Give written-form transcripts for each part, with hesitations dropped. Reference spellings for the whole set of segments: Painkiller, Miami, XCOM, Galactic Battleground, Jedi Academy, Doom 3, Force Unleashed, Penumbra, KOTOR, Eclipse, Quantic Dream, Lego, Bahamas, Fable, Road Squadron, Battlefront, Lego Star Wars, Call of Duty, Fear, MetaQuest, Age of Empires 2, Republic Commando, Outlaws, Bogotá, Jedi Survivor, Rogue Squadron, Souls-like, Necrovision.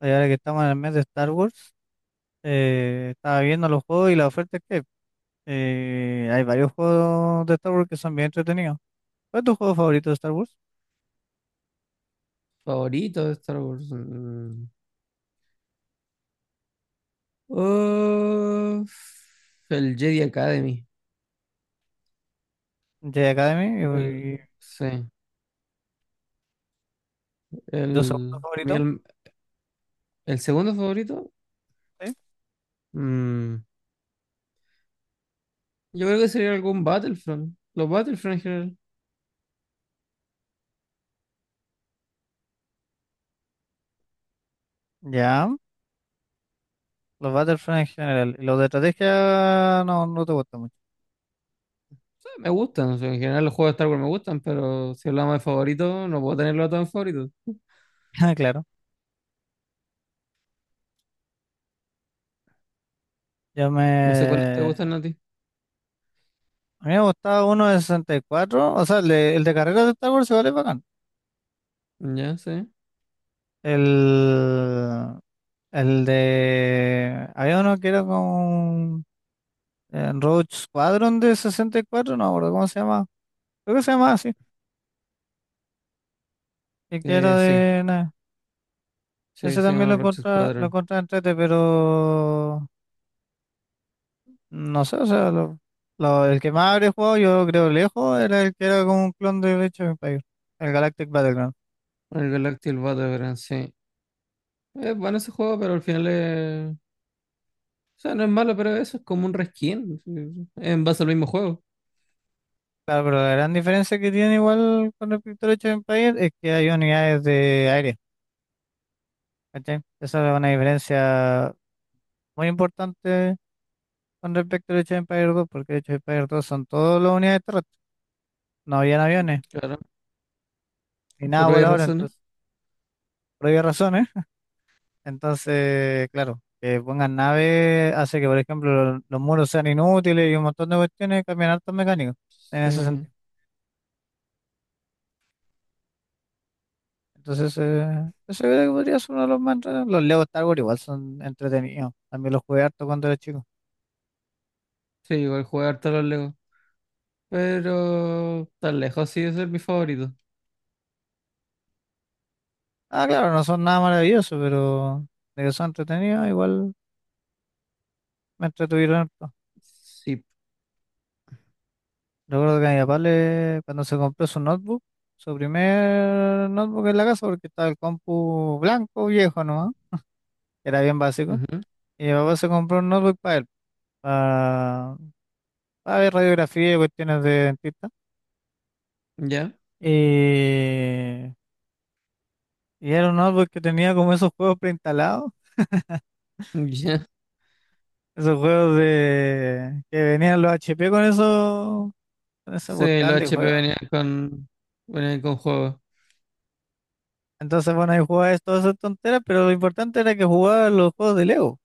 Y ahora que estamos en el mes de Star Wars, estaba viendo los juegos y la oferta que hay. Hay varios juegos de Star Wars que son bien entretenidos. ¿Cuál es tu juego favorito de Star Wars? Favorito de Star Wars. Uf, el Jedi Academy. Jedi Academy El, y sí. tu segundo El, a mí favorito, El segundo favorito. ¿sí? mm, yo creo que sería algún Battlefront. Los Battlefront en general. Ya, los Battlefront en general. Y los de estrategia no te gustan mucho. Sí, me gustan. O sea, en general los juegos de Star Wars me gustan, pero si hablamos de favoritos, no puedo tenerlo a todos en favorito. Ah, claro, yo No sé cuáles te gustan me... a ti. A mí me gustaba uno de 64, o sea, el de carreras de Star Wars se vale bacán. Ya, sí. El, el de... Había uno que era con... En Road Squadron de 64, no me acuerdo cómo se llama. Creo que se llama así. Y que era Sí. de... Nah, Sí, ese se también llama Rogue lo Squadron. contra entrete, pero... No sé, o sea, el que más habría jugado yo creo lejos era el que era como un clon de Age of Empires, el Galactic Battleground. El Galactic Battleground, sí. Es bueno ese juego, pero al final es. O sea, no es malo, pero eso es como un reskin. Sí. En base al mismo juego. Claro, pero la gran diferencia que tiene igual con respecto al Age of Empires es que hay unidades de aire, ¿cachai? Esa es una diferencia muy importante con respecto al Age of Empires 2, porque el Age of Empires 2 son todas las unidades terrestres, no habían aviones. Claro. Ni nada Por obvias volador, razones. entonces, por obvias razones. Entonces, claro, que pongan naves hace que, por ejemplo, los muros sean inútiles y un montón de cuestiones cambian hartos mecánicos en ese Sí. sentido. Entonces, eso creo que podría ser uno de los más entretenidos. Los Lego Star Wars igual son entretenidos. También los jugué harto cuando era chico. Sí, igual jugar harto a los Lego. Pero tan lejos sí es mi favorito. Ah, claro, no son nada maravillosos, pero de que son entretenidos, igual me entretuvieron harto. Sí. Recuerdo que a mi papá le, cuando se compró su notebook, su primer notebook en la casa, porque estaba el compu blanco viejo, ¿no? Era bien básico. Ujú. Y mi papá se compró un notebook para él, para, para ver radiografía y cuestiones de dentista. Ya. Y, y era un notebook que tenía como esos juegos preinstalados, Ya. esos juegos de que venían los HP con eso, con ese Sí, los portal de HP juegos. Venían con juegos. Entonces, bueno, ahí jugaba es- todas esas tonteras, pero lo importante era que jugaba los juegos de Lego.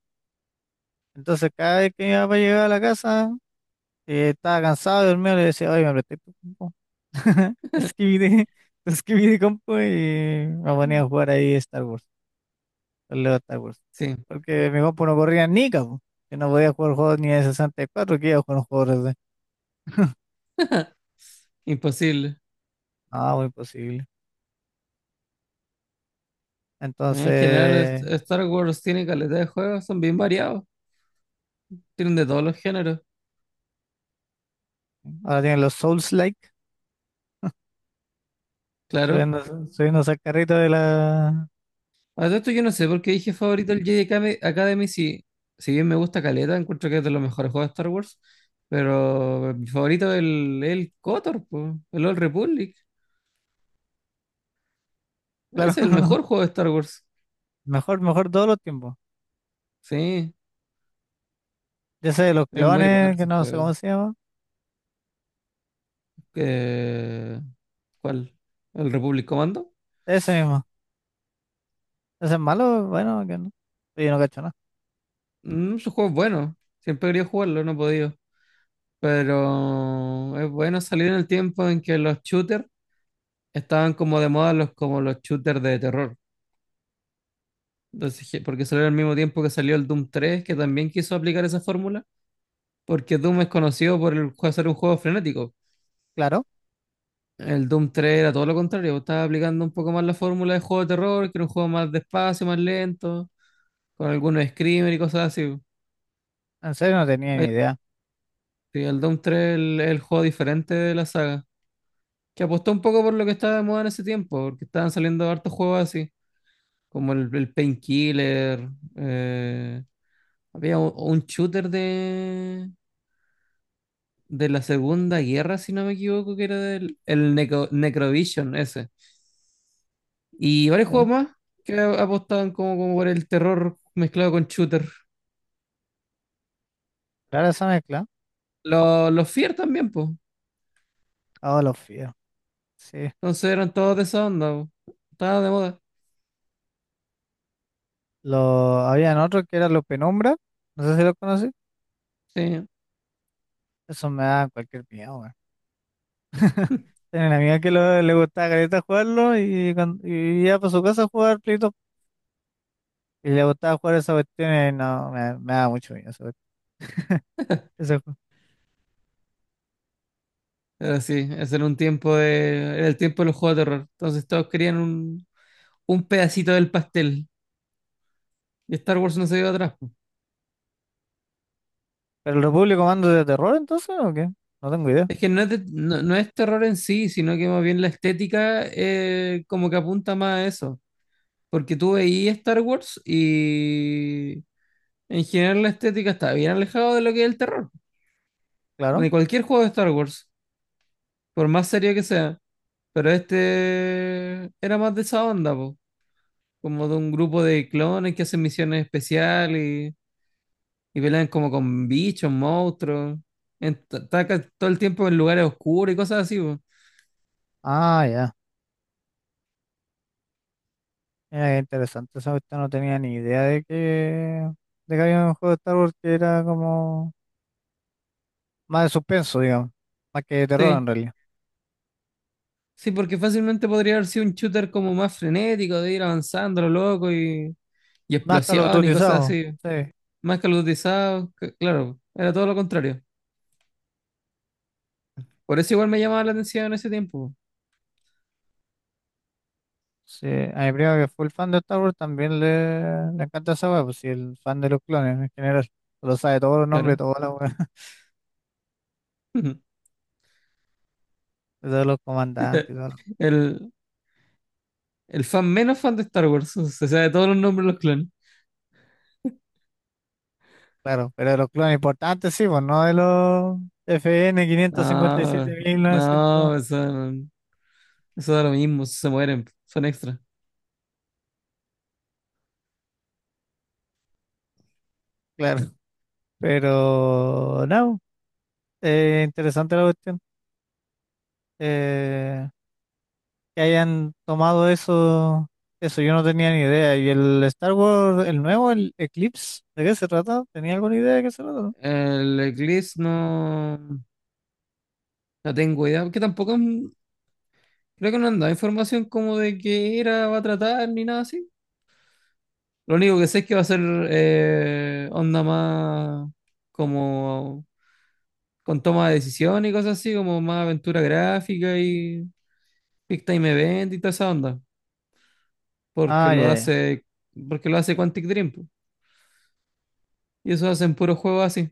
Entonces, cada vez que mi papá llegaba a la casa, estaba cansado de dormir, le decía, oye, me presté tu compu. Escribí de compu y me ponía a jugar ahí Star Wars, el Lego Star Wars. Sí. Porque mi compu no corría ni cabo. Yo no podía jugar juegos ni de 64, que iba a jugar un juego de... Imposible. No, muy posible. En general, Entonces, Star Wars tiene calidad de juegos, son bien variados. Tienen de todos los géneros. ahora tienen los Souls-like, Claro. subiendo, subiendo al carrito de la... A todo esto yo no sé por qué dije favorito el Jedi Academy, Academy, si, si bien me gusta Caleta, encuentro que es de los mejores juegos de Star Wars, pero mi favorito es el KOTOR, po, el Old Republic. Ese Claro, es el mejor juego de Star Wars. mejor, mejor todos los tiempos. Sí, Ya sé, los es muy bueno clones, que ese no sé juego. cómo se llama. Eh, ¿Cuál? ¿El Republic Commando? Ese mismo. Ese es malo, bueno, que no. Yo no cacho nada. Ese juego bueno. Siempre he querido jugarlo, no he podido. Pero es bueno salir en el tiempo en que los shooters estaban como de moda como los shooters de terror. Entonces, porque salió al mismo tiempo que salió el Doom 3, que también quiso aplicar esa fórmula, porque Doom es conocido por ser un juego frenético. Claro. El Doom 3 era todo lo contrario, estaba aplicando un poco más la fórmula de juego de terror, que era un juego más despacio, más lento, con algunos screamers y cosas así. En serio no tenía ni Oye, idea. sí, el Doom 3 es el juego diferente de la saga, que apostó un poco por lo que estaba de moda en ese tiempo, porque estaban saliendo hartos juegos así, como el Painkiller, eh, había un shooter de la Segunda Guerra, si no me equivoco, que era del el Necrovision ese. Y varios Ya. juegos más que apostaban como por el terror mezclado con shooter. Claro, esa mezcla. Los Fear también, pues. Ah, los fíos. Sí. Entonces eran todos de esa onda, po. Estaban de moda. Lo... Habían otros que eran los penumbra. No sé si los conocí. Sí. Eso me da cualquier miedo, weón. Tenía una amiga que le gustaba careta jugarlo y, y iba para su casa a jugar Play Doh. Y le gustaba jugar esa cuestión y no, me da mucho miedo esa cuestión. Ese juego. Pero sí, ese era un tiempo de. Era el tiempo de los juegos de terror. Entonces todos querían un pedacito del pastel. Y Star Wars no se dio atrás, po. ¿Pero el Republic Commando de terror entonces o qué? No tengo idea. Es que no es, no, no es terror en sí, sino que más bien la estética como que apunta más a eso. Porque tú veías Star Wars y en general la estética está bien alejada de lo que es el terror. Claro. De cualquier juego de Star Wars, por más serio que sea. Pero este era más de esa onda, po. Como de un grupo de clones que hacen misiones especiales y, y pelean como con bichos, monstruos. en- ta- Todo el tiempo en lugares oscuros y cosas así, po. Ah, ya. Mira, qué interesante. Esa cuestión no tenía ni idea de que había un juego de Star Wars que era como. Más de suspenso, digamos. Más que de terror Sí. en realidad. Sí, porque fácilmente podría haber sido un shooter como más frenético, de ir avanzando, lo loco y Más Call of explosión y cosas Dutyzado. así. Sí. Más que los cotizados, claro, era todo lo contrario. Por eso igual me llamaba la atención en ese tiempo, Sí. A mi primo que es full fan de Star Wars también le encanta esa weá, pues sí, el fan de los clones en general. Lo sabe todos los nombres, de claro. todas las weas, de todos los comandantes y todo. Lo- El, el fan menos fan de Star Wars, se sabe todos los nombres de los clones. Claro, pero de los clones importantes sí, pues no de los FN novecientos. No, no, eso da lo mismo, se mueren, son extras. Claro, pero no, interesante la cuestión. Eh, que hayan tomado eso, eso yo no tenía ni idea. Y el Star Wars, el nuevo, el Eclipse, ¿de qué se trata? ¿Tenía alguna idea de qué se trata? ¿No? El Eclipse no, no tengo idea, porque tampoco creo que no han dado información como de qué era, va a tratar, ni nada así. Lo único que sé es que va a ser onda más como con toma de decisión y cosas así, como más aventura gráfica y Big Time Event y toda esa onda, porque Ah, lo ya, ya, hace, porque lo hace Quantic Dream, po. Y eso hacen puros juegos así,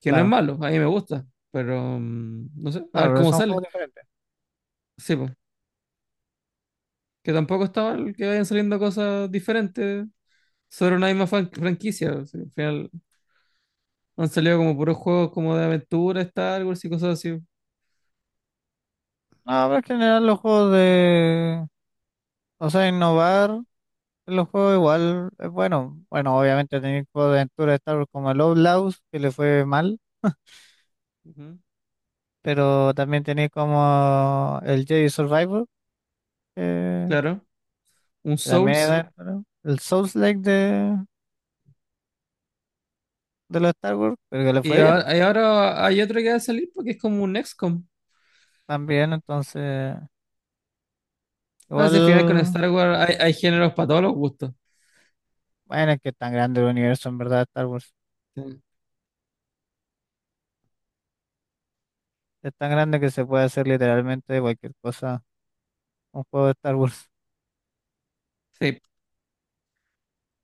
que no es claro, malo, a mí me gusta, pero no sé, a claro, ver pero cómo son juegos sale. diferentes. Sí, pues, que tampoco está mal que vayan saliendo cosas diferentes sobre una misma franquicia, o sea, al final han salido como puros juegos como de aventura, Star Wars y cosas así. No, pero en general los juegos de, o sea, innovar en los juegos igual es bueno. Bueno, obviamente tenéis juegos de aventura de Star Wars como el Outlaws, que le fue mal, Ujú. pero también tenéis como el Jedi Survivor, que Claro, un que también Souls. era, ¿no? El Souls-like de los Star Wars, pero que le Y fue bien. ahora, y ahora hay otro que va a salir porque es como un XCOM. También, entonces, No, si al final con igual, Star Wars hay géneros para todos los gustos. bueno, es que es tan grande el universo, en verdad, Star Wars. Sí, Es tan grande que se puede hacer literalmente cualquier cosa, un juego de Star Wars. sí,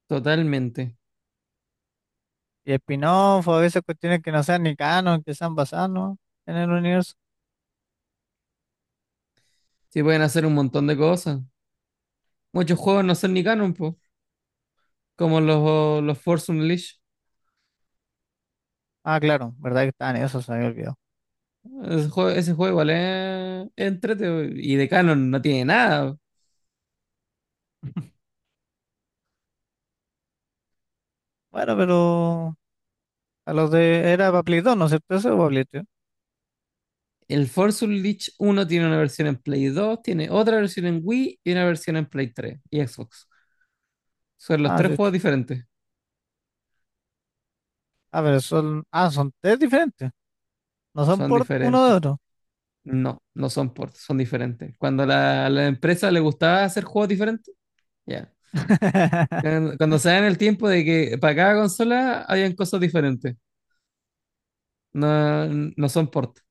totalmente. Y spin-off, o a veces cuestiones que no sean ni canon, que sean basadas, ¿no? En el universo. Sí, pueden hacer un montón de cosas. Muchos juegos no son ni canon, po, como los Force Unleashed. Ah, claro, verdad que estaban eso, se me había olvidado. Ese juego igual es entrete, po, y de canon no tiene nada. Bueno, pero a los de era para Play 2, ¿no es cierto? Eso o para Play 3. El Force Unleashed uno tiene una versión en Play 2 tiene otra versión en Wii y una versión en Play 3 y Xbox. Son los Ah, tres sí. juegos diferentes. Ah, pero son, ah, son tres diferentes. No son Son por uno de diferentes. otro. No, no son ports, son diferentes. Cuando a la empresa le gustaba hacer juegos diferentes, ya. Cuando se da en el tiempo de que para cada consola hayan cosas diferentes. No, no son ports.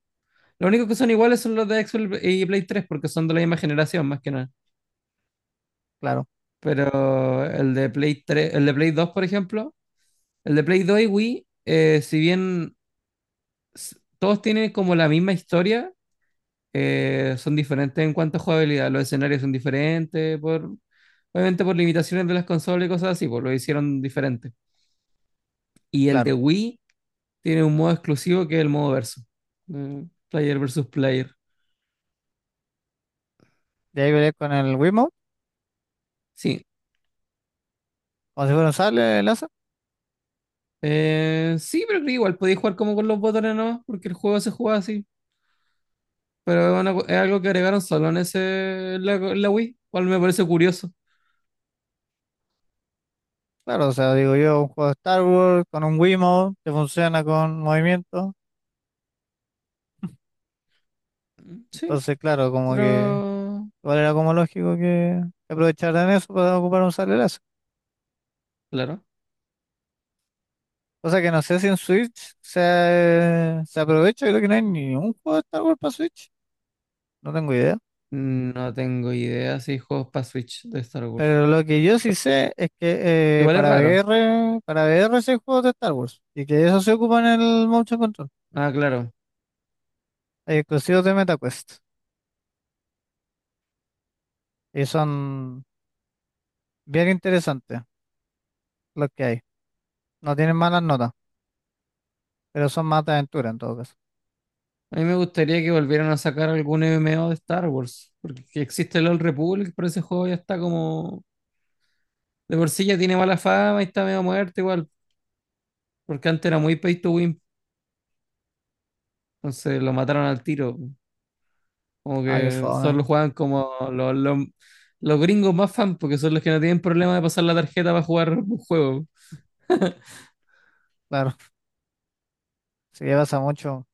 Lo único que son iguales son los de Xbox y Play 3 porque son de la misma generación, más que nada. Claro, Pero el de Play 3, el de Play 2, por ejemplo, el de Play 2 y Wii, si bien todos tienen como la misma historia, son diferentes en cuanto a jugabilidad. Los escenarios son diferentes, obviamente por limitaciones de las consolas y cosas así, pues lo hicieron diferente. Y el claro. de Wii tiene un modo exclusivo que es el modo verso. Player versus player. Y ahí veré con el Wiimote, Sí. como si fuera un sable láser. Sí, pero creo que igual podéis jugar como con los botones nomás, porque el juego se juega así. Pero una es algo que agregaron solo en ese en la Wii, cual me parece curioso. Claro, o sea, digo yo, un juego de Star Wars con un Wiimote que funciona con movimiento. Mm, sí, Entonces, claro, como que pero igual era como lógico que aprovecharan eso para ocupar un salerazo. claro. O sea que no sé si en Switch se aprovecha, creo que no hay ni un juego de Star Wars para Switch. No tengo idea. No tengo idea si hay juegos para Switch de Star Wars. Pero lo que yo sí sé es que Igual es para raro. VR, para VR sí hay juegos de Star Wars. Y que eso se ocupa en el Motion Control. Ah, claro. Hay exclusivos de MetaQuest. Y son bien interesantes los que hay. No tienen malas notas. Pero son más de aventura en todo caso. A mí me gustaría que volvieran a sacar algún MMO de Star Wars, porque existe el Old Republic, pero ese juego ya está como. De por sí ya tiene mala fama y está medio muerto igual, porque antes era muy pay to win, entonces lo mataron al tiro. Como Ah, qué que fome. solo juegan como los gringos más fans, porque son los que no tienen problema de pasar la tarjeta para jugar un juego. Claro, si ya pasa mucho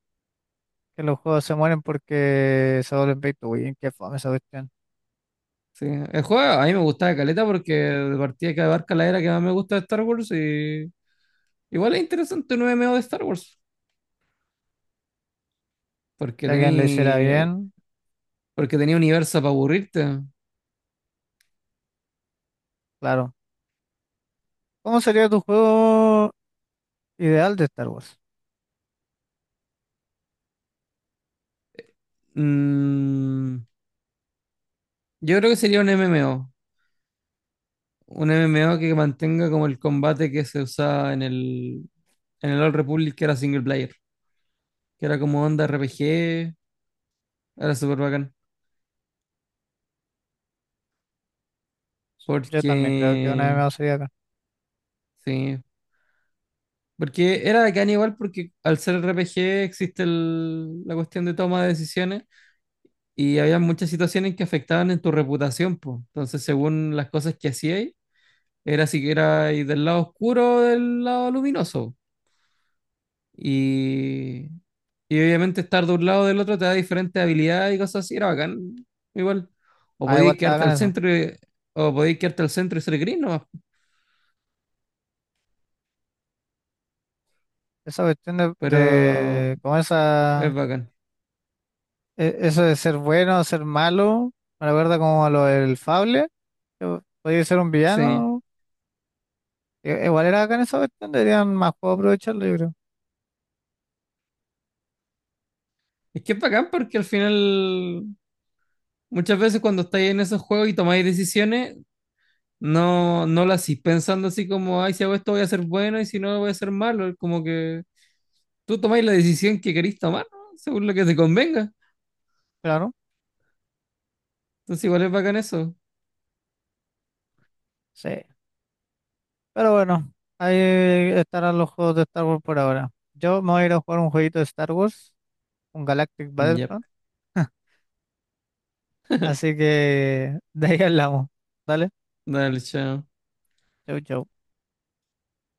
que los juegos se mueren porque se vuelven pay to win. Qué fome esa cuestión. Sí. El juego a mí me gustaba caleta porque de partida que abarca la era que más me gusta de Star Wars y igual es interesante un MMO de Star Wars, porque Si alguien lo hiciera tenía bien, porque tenía universo para aburrirte. claro. ¿Cómo sería tu juego ideal de Star Wars? Mm, yo creo que sería un MMO. Un MMO que mantenga como el combate que se usaba en el Old Republic, que era single player, que era como onda RPG, era súper bacán. Yo también creo que una Porque, MMO sería acá. sí, porque era bacán igual porque al ser RPG existe la cuestión de toma de decisiones y había muchas situaciones que afectaban en tu reputación, pues. Entonces, según las cosas que hacíais, era si que era del lado oscuro o del lado luminoso. Y, y obviamente estar de un lado o del otro te da diferentes habilidades y cosas así, era bacán, igual. O Ah, igual podías está quedarte acá al en eso. centro y-. O podías quedarte al centro y ser gris nomás, Esa cuestión pero de como es esa, bacán. e- eso de ser bueno, ser malo, me recuerda como a lo del Fable, que podía ser un Sí. villano. I- Igual era acá en esa cuestión, deberían más juegos aprovecharlo, yo creo. Es que es bacán porque al final muchas veces cuando estáis en esos juegos y tomáis decisiones, no, no las hacís pensando así como, ay, si hago esto voy a ser bueno y si no voy a ser malo. Es como que tú tomáis la decisión que queréis tomar, ¿no? Según lo que te convenga. Claro. Entonces igual es bacán eso. Sí. Pero bueno, ahí estarán los juegos de Star Wars por ahora. Yo me voy a ir a jugar un jueguito de Star Wars, un Galactic Yep. Battlefront. Así que de ahí hablamos. Dale, Dale, chao. chau, chau.